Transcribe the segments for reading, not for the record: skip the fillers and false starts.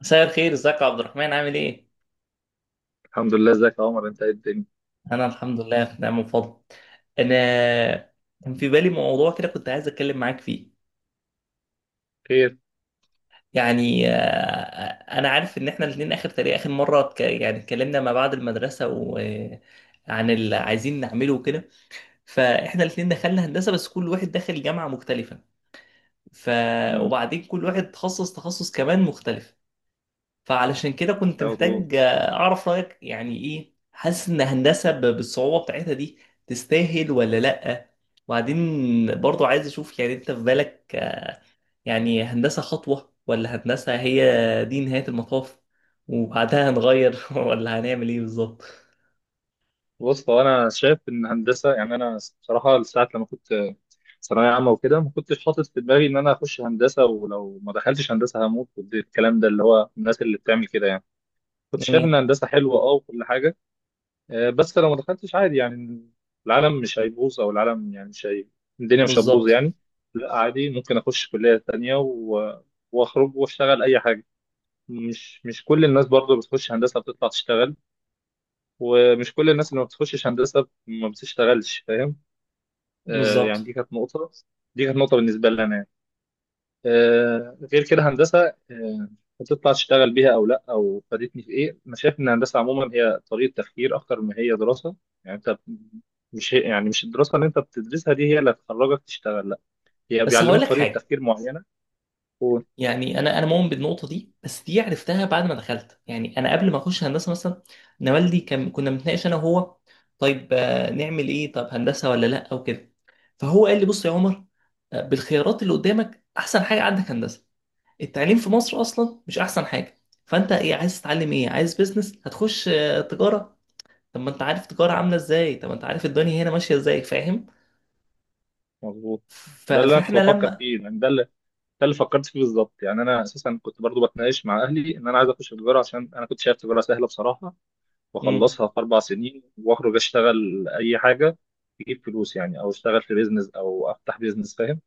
مساء الخير، ازيك يا عبد الرحمن؟ عامل ايه؟ الحمد لله، ازيك يا عمر؟ انت ايه الدنيا؟ انا الحمد لله في نعم وفضل. انا كان في بالي موضوع كده، كنت عايز اتكلم معاك فيه. خير. يعني آه، انا عارف ان احنا الاثنين اخر، تقريبا اخر مره اتكلمنا ما بعد المدرسه، وعن اللي عايزين نعمله وكده. فاحنا الاثنين دخلنا هندسه، بس كل واحد داخل جامعه مختلفه. ف امم. وبعدين كل واحد تخصص تخصص كمان مختلف. فعلشان كده كنت مظبوط. محتاج اعرف رايك، يعني ايه حاسس ان هندسه بالصعوبه بتاعتها دي تستاهل ولا لا. وبعدين برضو عايز اشوف، يعني انت في بالك يعني هندسه خطوه ولا هندسه هي دي نهايه المطاف، وبعدها هنغير ولا هنعمل ايه بالظبط. بص، هو انا شايف ان هندسه، يعني انا بصراحه لساعه لما كنت ثانويه عامه وكده ما كنتش حاطط في دماغي ان انا اخش هندسه، ولو ما دخلتش هندسه هموت والكلام ده، اللي هو الناس اللي بتعمل كده يعني. كنت شايف جميل. ان هندسه حلوه، اه، وكل حاجه. بس لو ما دخلتش عادي يعني، العالم مش هيبوظ، او العالم يعني مش هي... الدنيا مش هتبوظ بالظبط. يعني. لا، عادي، ممكن اخش كليه تانيه واخرج واشتغل اي حاجه. مش كل الناس برضو بتخش هندسة بتطلع تشتغل، ومش كل الناس اللي ما بتخشش هندسة ما بتشتغلش، فاهم؟ آه يعني بالظبط. دي كانت نقطة، دي كانت نقطة بالنسبة لي أنا يعني. آه، غير كده هندسة، آه، هتطلع تشتغل بيها أو لأ، أو فادتني في إيه. أنا شايف إن الهندسة عموما هي طريقة تفكير أكتر ما هي دراسة. يعني أنت، مش يعني، مش الدراسة اللي أنت بتدرسها دي هي اللي هتخرجك تشتغل، لأ، هي بس هقول بيعلموك لك طريقة حاجه، تفكير معينة. يعني انا مؤمن بالنقطه دي، بس دي عرفتها بعد ما دخلت. يعني انا قبل ما اخش هندسه مثلا انا والدي كنا بنتناقش انا وهو، طيب نعمل ايه؟ طب هندسه ولا لا او كده. فهو قال لي بص يا عمر، بالخيارات اللي قدامك احسن حاجه عندك هندسه. التعليم في مصر اصلا مش احسن حاجه، فانت ايه عايز تتعلم؟ ايه عايز بيزنس؟ هتخش تجاره. طب ما انت عارف تجاره عامله ازاي، طب ما انت عارف الدنيا هنا ماشيه ازاي، فاهم؟ مظبوط. ده اللي أنا كنت فاحنا بفكر لما. فيه، يعني ده اللي ده اللي فكرت فيه بالظبط. يعني انا اساسا كنت برضو بتناقش مع اهلي ان انا عايز اخش تجاره، عشان انا كنت شايف تجاره سهله بصراحه، امم. واخلصها في 4 سنين واخرج اشتغل اي حاجه، تجيب فلوس يعني، او اشتغل في بيزنس، او افتح بيزنس، فاهم؟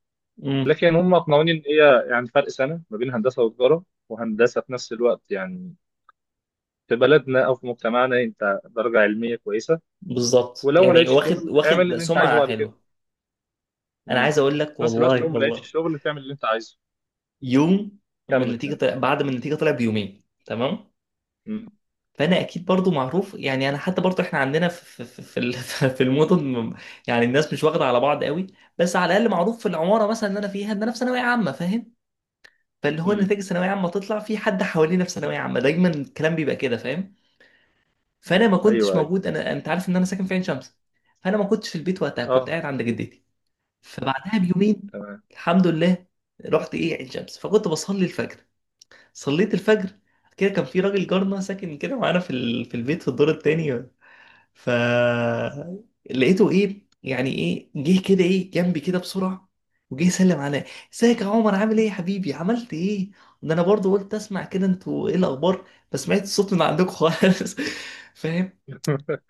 امم. لكن هم اقنعوني ان هي يعني فرق سنه ما بين هندسه وتجاره، وهندسه في نفس الوقت يعني في بلدنا او في مجتمعنا انت درجه علميه كويسه، بالظبط، ولو ما يعني لقيتش واخد شغل اعمل واخد اللي انت عايزه سمعه بعد كده. حلوه. انا امم. عايز اقول لك في نفس الوقت لو والله ما لقيتش والله، شغل تعمل اللي انت عايزه. يوم اما كمل النتيجه كمل. طلع، بعد ما النتيجه طلعت بيومين، تمام؟ امم. فانا اكيد برضو معروف، يعني انا حتى برضو احنا عندنا في المدن يعني الناس مش واخده على بعض قوي، بس على الاقل معروف في العماره مثلا اللي انا فيها ان انا في ثانويه عامه، فاهم؟ فاللي هو امم. نتائج ثانويه عامه تطلع، في حد حوالينا في ثانويه عامه، دايما الكلام بيبقى كده، فاهم؟ فانا ما كنتش ايوه ايوه. موجود. انا انت عارف ان انا ساكن في عين شمس، فانا ما كنتش في البيت وقتها، كنت اه. قاعد عند جدتي. فبعدها بيومين، تمام. الحمد لله، رحت ايه عين شمس، فكنت بصلي الفجر. صليت الفجر، بعد كده كان في راجل جارنا ساكن كده معانا في في البيت في الدور التاني. ف لقيته ايه، يعني ايه جه كده، ايه جنبي كده بسرعه، وجه يسلم عليا. ازيك يا عمر، عامل ايه يا حبيبي، عملت ايه؟ ده انا برضو قلت اسمع كده انتوا ايه الاخبار، ما سمعت الصوت من عندكم خالص فاهم؟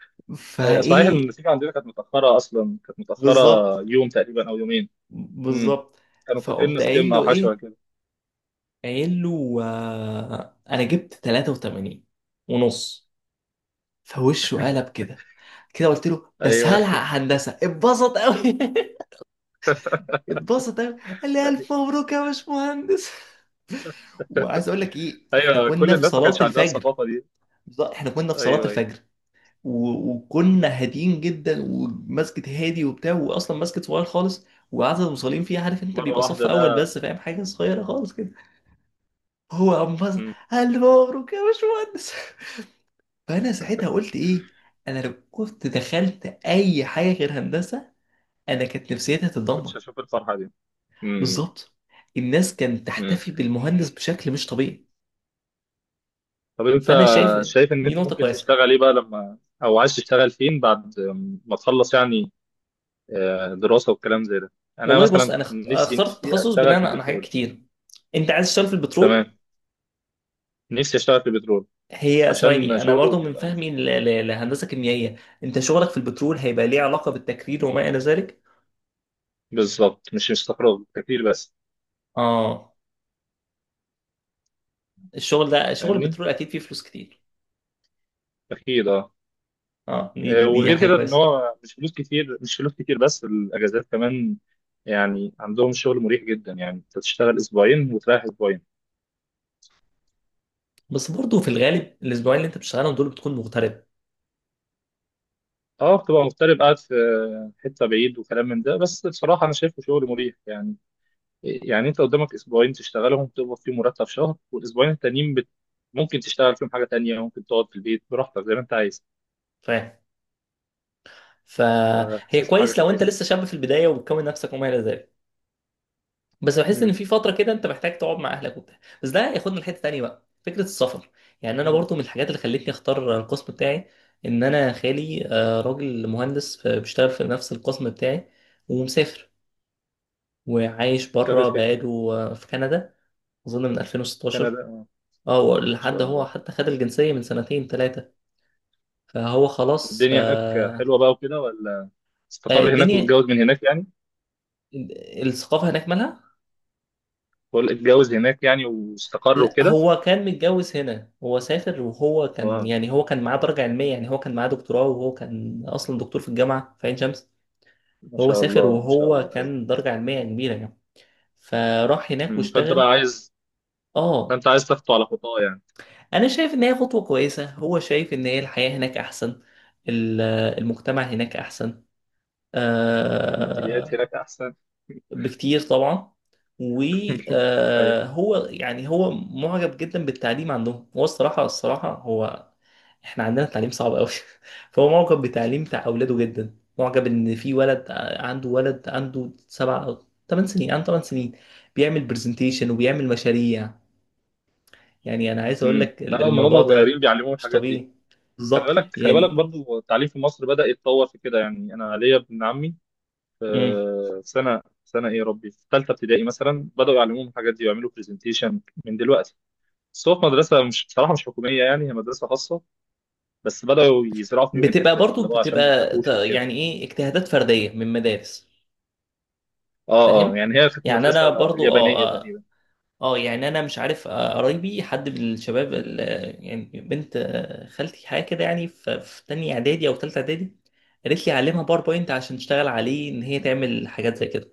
صحيح إن فايه. النتيجه عندنا كانت متاخره، اصلا كانت متاخره بالظبط. يوم تقريبا او يومين. امم. بالظبط. كانوا فاكرين فقمت قايل ستيم او له حاجه شبه ايه، كده. قايل له انا جبت 83 ونص. فوشه قلب كده، كده قلت له بس ايوه. هلحق هندسه، اتبسط قوي اتبسط قوي، قال لي الف مبروك يا باشمهندس. وعايز اقول لك ايه، احنا ايوه، كل كنا في الناس ما صلاه كانش عندها الفجر. الثقافه دي. بالظبط، احنا كنا في صلاه ايوه ايوه. الفجر، وكنا هاديين جدا، ومسجد هادي وبتاع، واصلا مسجد صغير خالص، وعدد المصلين فيه عارف انت مره بيبقى صف واحده ده. اول بس، فاهم؟ حاجه صغيره خالص كده. هو انبسط، مم. الف مبروك يا باشمهندس فانا ساعتها قلت ايه، انا لو كنت دخلت اي حاجه غير هندسه انا كانت نفسيتي كنتش هتتدمر. هشوف الفرحه دي. مم. بالظبط. الناس كانت مم. تحتفي بالمهندس بشكل مش طبيعي. طب انت فانا شايف شايف ان دي انت نقطه ممكن كويسه. تشتغل ايه بقى لما، او عايز تشتغل فين بعد ما تخلص يعني، دراسه والكلام زي ده. انا والله بص، مثلا انا نفسي اخترت نفسي التخصص اشتغل بناء في على حاجات البترول. كتير. انت عايز تشتغل في تمام. البترول. نفسي اشتغل في البترول هي عشان ثواني، انا شغله برضو من بيبقى فهمي لهندسه كيميائيه انت شغلك في البترول هيبقى ليه علاقه بالتكرير وما الى ذلك. بالظبط، مش استقرار كتير بس، اه، الشغل ده شغل فاهمني؟ البترول اكيد فيه فلوس كتير. اكيد اه. اه، دي وغير حاجه كده ان كويسه. هو مش فلوس كتير، مش فلوس كتير بس الاجازات كمان. يعني عندهم شغل مريح جدا، يعني انت تشتغل اسبوعين وتريح اسبوعين. بس برضه في الغالب الاسبوعين اللي انت بتشتغلهم دول بتكون مغترب، اه، بتبقى مغترب قاعد في حته بعيد وكلام من ده، بس بصراحه انا شايفه شغل مريح يعني. يعني انت قدامك اسبوعين تشتغلهم تقبض فيهم مرتب شهر، والاسبوعين التانيين ممكن تشتغل فيهم حاجه تانية، ممكن تقعد في البيت براحتك زي ما انت عايز. فاهم؟ فهي فحسيت حاجه كويس لو انت كويسه. لسه شاب في البدايه وبتكون نفسك وما الى ذلك، بس بحس ان امم. في فتره كده انت محتاج تقعد مع اهلك وبتاع. بس ده ياخدنا لحته تانيه بقى، فكره السفر. يعني انا برضه من الحاجات اللي خلتني اختار القسم بتاعي ان انا خالي راجل مهندس بيشتغل في نفس القسم بتاعي، ومسافر وعايش بره شغال. بقاله في كندا، اظن من كندا، 2016. اه، ان لحد شاء هو الله. حتى خد الجنسيه من سنتين ثلاثه. فهو خلاص والدنيا هناك حلوه بقى وكده، ولا استقر هناك الدنيا. واتجوز من هناك يعني؟ الثقافة هناك مالها؟ بقول اتجوز هناك يعني واستقر لا، وكده. هو كان متجوز هنا. هو سافر وهو كان، اه. يعني هو كان معاه درجة علمية، يعني هو كان معاه دكتوراه، وهو كان أصلا دكتور في الجامعة في عين شمس. ما هو شاء سافر الله ما شاء وهو الله. ايوه. كان درجة علمية كبيرة يعني. فراح هناك أمم، فانت بقى واشتغل. عايز، اه. فانت عايز تخطو على خطاه يعني. أنا شايف إن هي خطوة كويسة. هو شايف إن هي الحياة هناك أحسن، ال- المجتمع هناك أحسن الماديات آه، هناك احسن. بكتير طبعا. ايوه. وهو يعني هو معجب جدا بالتعليم عندهم. هو الصراحة الصراحة هو، احنا عندنا التعليم صعب قوي فهو معجب بتعليم بتاع أولاده جدا. معجب إن في ولد عنده ولد عنده 7 أو 8 سنين، عنده 8 سنين، بيعمل برزنتيشن وبيعمل مشاريع. يعني أنا عايز أقول امم، لك لا، من الموضوع هم صغيرين ده بيعلموهم مش الحاجات دي. طبيعي، خلي بالظبط بالك خلي بالك يعني. برضو التعليم في مصر بدأ يتطور في كده، يعني انا ليا ابن عمي مم. في سنه ايه يا ربي، في ثالثه ابتدائي مثلا، بدأوا يعلموهم الحاجات دي ويعملوا برزنتيشن من دلوقتي. بس هو في مدرسة، مش بصراحة مش حكومية، يعني هي مدرسة خاصة. بس بدأوا يزرعوا فيهم بتبقى الحتة دي اللي برضو هو عشان ما بتبقى ت- يخافوش وكده. يعني إيه، اجتهادات فردية من مدارس، اه اه، فاهم؟ يعني هي كانت يعني مدرسة انا برضو اليابانية اه اه تقريبا. يعني انا مش عارف، قرايبي حد من الشباب يعني بنت خالتي حاجه كده، يعني في في تانية اعدادي او تالتة اعدادي قالت لي علمها باوربوينت عشان تشتغل عليه، ان هي تعمل حاجات زي كده.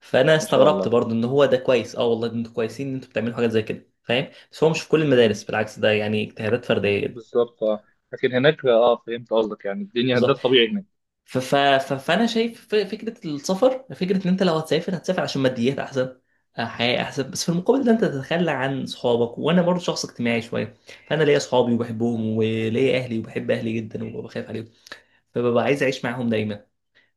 فانا ما شاء استغربت الله. برضو، ان هو ده كويس اه والله، ده انتوا كويسين ان انتوا بتعملوا حاجات زي كده، فاهم؟ بس هو مش في كل المدارس، مم. بالعكس ده يعني اجتهادات فرديه جدا. بالظبط اه. لكن هناك اه فهمت قصدك، يعني الدنيا ده بالظبط. الطبيعي هناك. فانا شايف فكره السفر، فكره ان انت لو هتسافر هتسافر عشان ماديات احسن، حياه احسن، بس في المقابل ده انت تتخلى عن صحابك. وانا برضو شخص اجتماعي شويه، فانا ليا صحابي وبحبهم وليا اهلي وبحب اهلي جدا وبخاف عليهم، فببقى عايز اعيش معاهم دايما.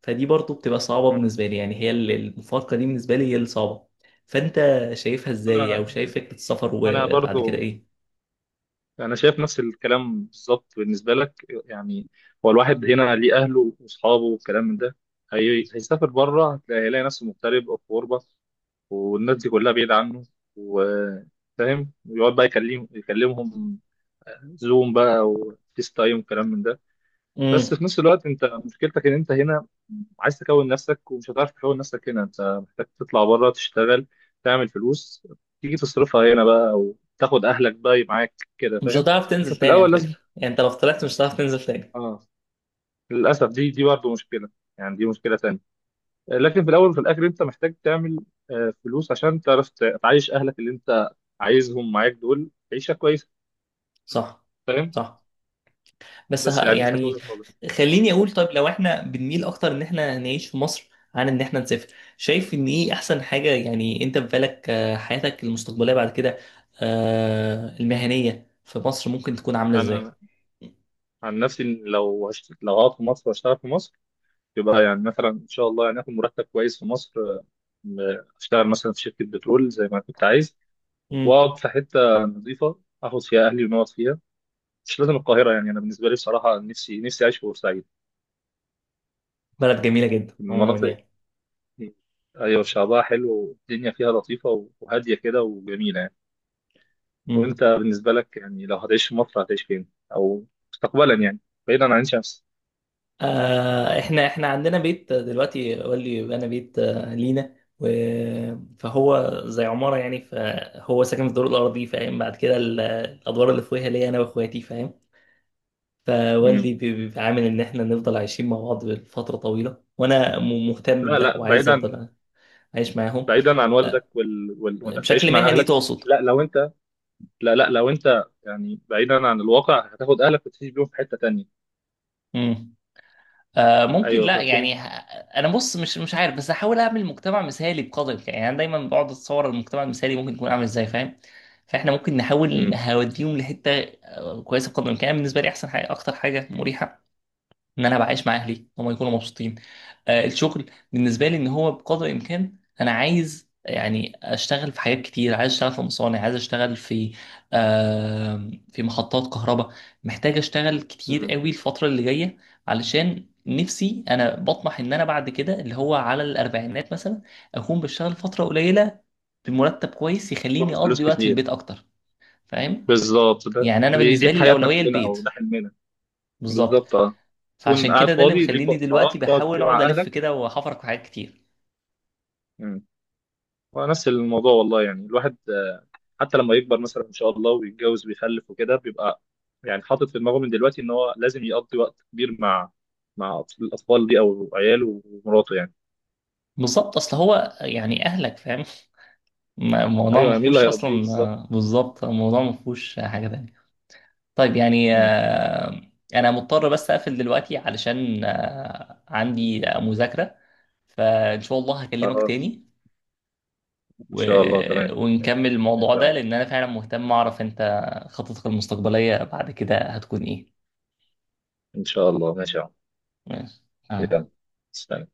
فدي برضو بتبقى صعبه مم. بالنسبه لي. يعني هي المفارقه دي بالنسبه لي هي الصعبه. فانت شايفها ازاي، او انا شايف فكره السفر انا وبعد كده برضو ايه؟ انا شايف نفس الكلام بالظبط بالنسبة لك يعني. هو الواحد هنا ليه اهله واصحابه والكلام من ده، هيسافر بره هيلاقي نفسه مغترب او في غربة، والناس دي كلها بعيدة عنه، وفاهم، ويقعد بقى يكلمهم زوم بقى وفيس تايم وكلام من ده. بس امم. في نفس الوقت انت مشكلتك ان انت هنا عايز تكون نفسك، ومش هتعرف تكون نفسك هنا، انت محتاج تطلع بره تشتغل، تعمل فلوس، تيجي تصرفها هنا بقى، او تاخد اهلك بقى معاك كده مش فاهم. هتعرف لكن تنزل في تاني على الاول لازم، فكره، يعني انت لو طلعت مش هتعرف تنزل تاني. اه، للاسف دي برضه مشكلة، يعني دي مشكلة تانية. لكن في الاول وفي الاخر انت محتاج تعمل فلوس عشان تعرف تعيش اهلك اللي انت عايزهم معاك دول عيشه كويسه. صح. فاهم؟ صح. بس ه- بس يعني دي كانت يعني وجهه نظري. خليني اقول، طيب لو احنا بنميل اكتر ان احنا نعيش في مصر عن ان احنا نسافر، شايف ان ايه احسن حاجة؟ يعني انت في بالك حياتك المستقبلية بعد كده المهنية في مصر ممكن تكون عاملة ازاي؟ انا عن نفسي إن لو لو هقعد في مصر واشتغل في مصر، يبقى يعني مثلا ان شاء الله يعني اخد مرتب كويس في مصر، م- اشتغل مثلا في شركه بترول زي ما كنت عايز، مم. واقعد في حته نظيفه اخد فيها اهلي ونقعد فيها، مش لازم القاهره. يعني انا بالنسبه لي بصراحه نفسي اعيش في بورسعيد. بلد جميلة جدا عموما المناطق، يعني. ايوه شعبها حلو والدنيا فيها لطيفه وهاديه كده وجميله يعني. مم. وانت بالنسبه لك يعني لو هتعيش في مصر هتعيش فين، او مستقبلا يعني، بعيدا عن عين شمس؟ آه، احنا عندنا بيت دلوقتي، قال لي انا بيت لينا فهو زي عمارة يعني، فهو ساكن في الدور الأرضي، فاهم؟ بعد كده الأدوار اللي فوقها ليا أنا وإخواتي، فاهم؟ فوالدي امم. بيبقى عامل ان احنا نفضل عايشين مع بعض لفتره طويله، وانا مهتم لا بده، لا، وعايز بعيدا، افضل عايش معاهم. بعيدا عن والدك آه، وانك تعيش بشكل مع مهني اهلك. تقصد؟ لا لو انت، لا لا لو انت يعني بعيدا عن الواقع، هتاخد اهلك وتعيش بيهم في حته تانية. امم. آه ممكن ايوه لا هتكون. يعني ه- انا بص، مش عارف، بس هحاول اعمل مجتمع مثالي بقدر الامكان. يعني انا دايما بقعد اتصور المجتمع المثالي ممكن يكون عامل ازاي، فاهم؟ فاحنا ممكن نحاول امم. نوديهم لحته كويسه بقدر الامكان. بالنسبه لي احسن حاجه، اكتر حاجه مريحه، ان انا بعيش مع اهلي هم يكونوا مبسوطين. الشغل بالنسبه لي ان هو بقدر الامكان انا عايز يعني اشتغل في حاجات كتير، عايز اشتغل في مصانع، عايز اشتغل في في محطات كهرباء. محتاج اشتغل كتير امم. قوي الفتره اللي جايه، علشان نفسي انا بطمح ان انا بعد كده اللي هو على الاربعينات مثلا اكون بشتغل فتره قليله بمرتب كويس يخليني باخد فلوس اقضي وقت في كتير. البيت اكتر، فاهم؟ بالظبط، ده يعني انا دي بالنسبه لي حياتنا الاولويه كلنا، او البيت. ده حلمنا. بالظبط. بالظبط اه. تكون فعشان قاعد كده ده اللي فاضي ليك مخليني وقت دلوقتي فراغ تقعد فيه بحاول اقعد مع الف اهلك. كده وحفرك في حاجات كتير. مم. ونفس الموضوع والله. يعني الواحد، حتى لما يكبر مثلا ان شاء الله ويتجوز ويخلف وكده، بيبقى يعني حاطط في دماغه من دلوقتي ان هو لازم يقضي وقت كبير مع، مع الاطفال دي او عياله ومراته يعني. بالظبط، اصل هو يعني اهلك فاهم الموضوع ايوه، ما يعني مين اللي فيهوش هيربيه اصلا. بالظبط. بالظبط، الموضوع ما فيهوش حاجه تانية. طيب يعني مم. انا مضطر بس اقفل دلوقتي علشان عندي مذاكره، فان شاء الله هكلمك خلاص، تاني ان و... شاء الله تمام، ماشي ونكمل الموضوع ماشي يا ده، عمر. لان انا فعلا مهتم اعرف انت خططك المستقبليه بعد كده هتكون ايه. ان شاء الله، ماشي يا عمر. ماشي. آه. يلا، سلام.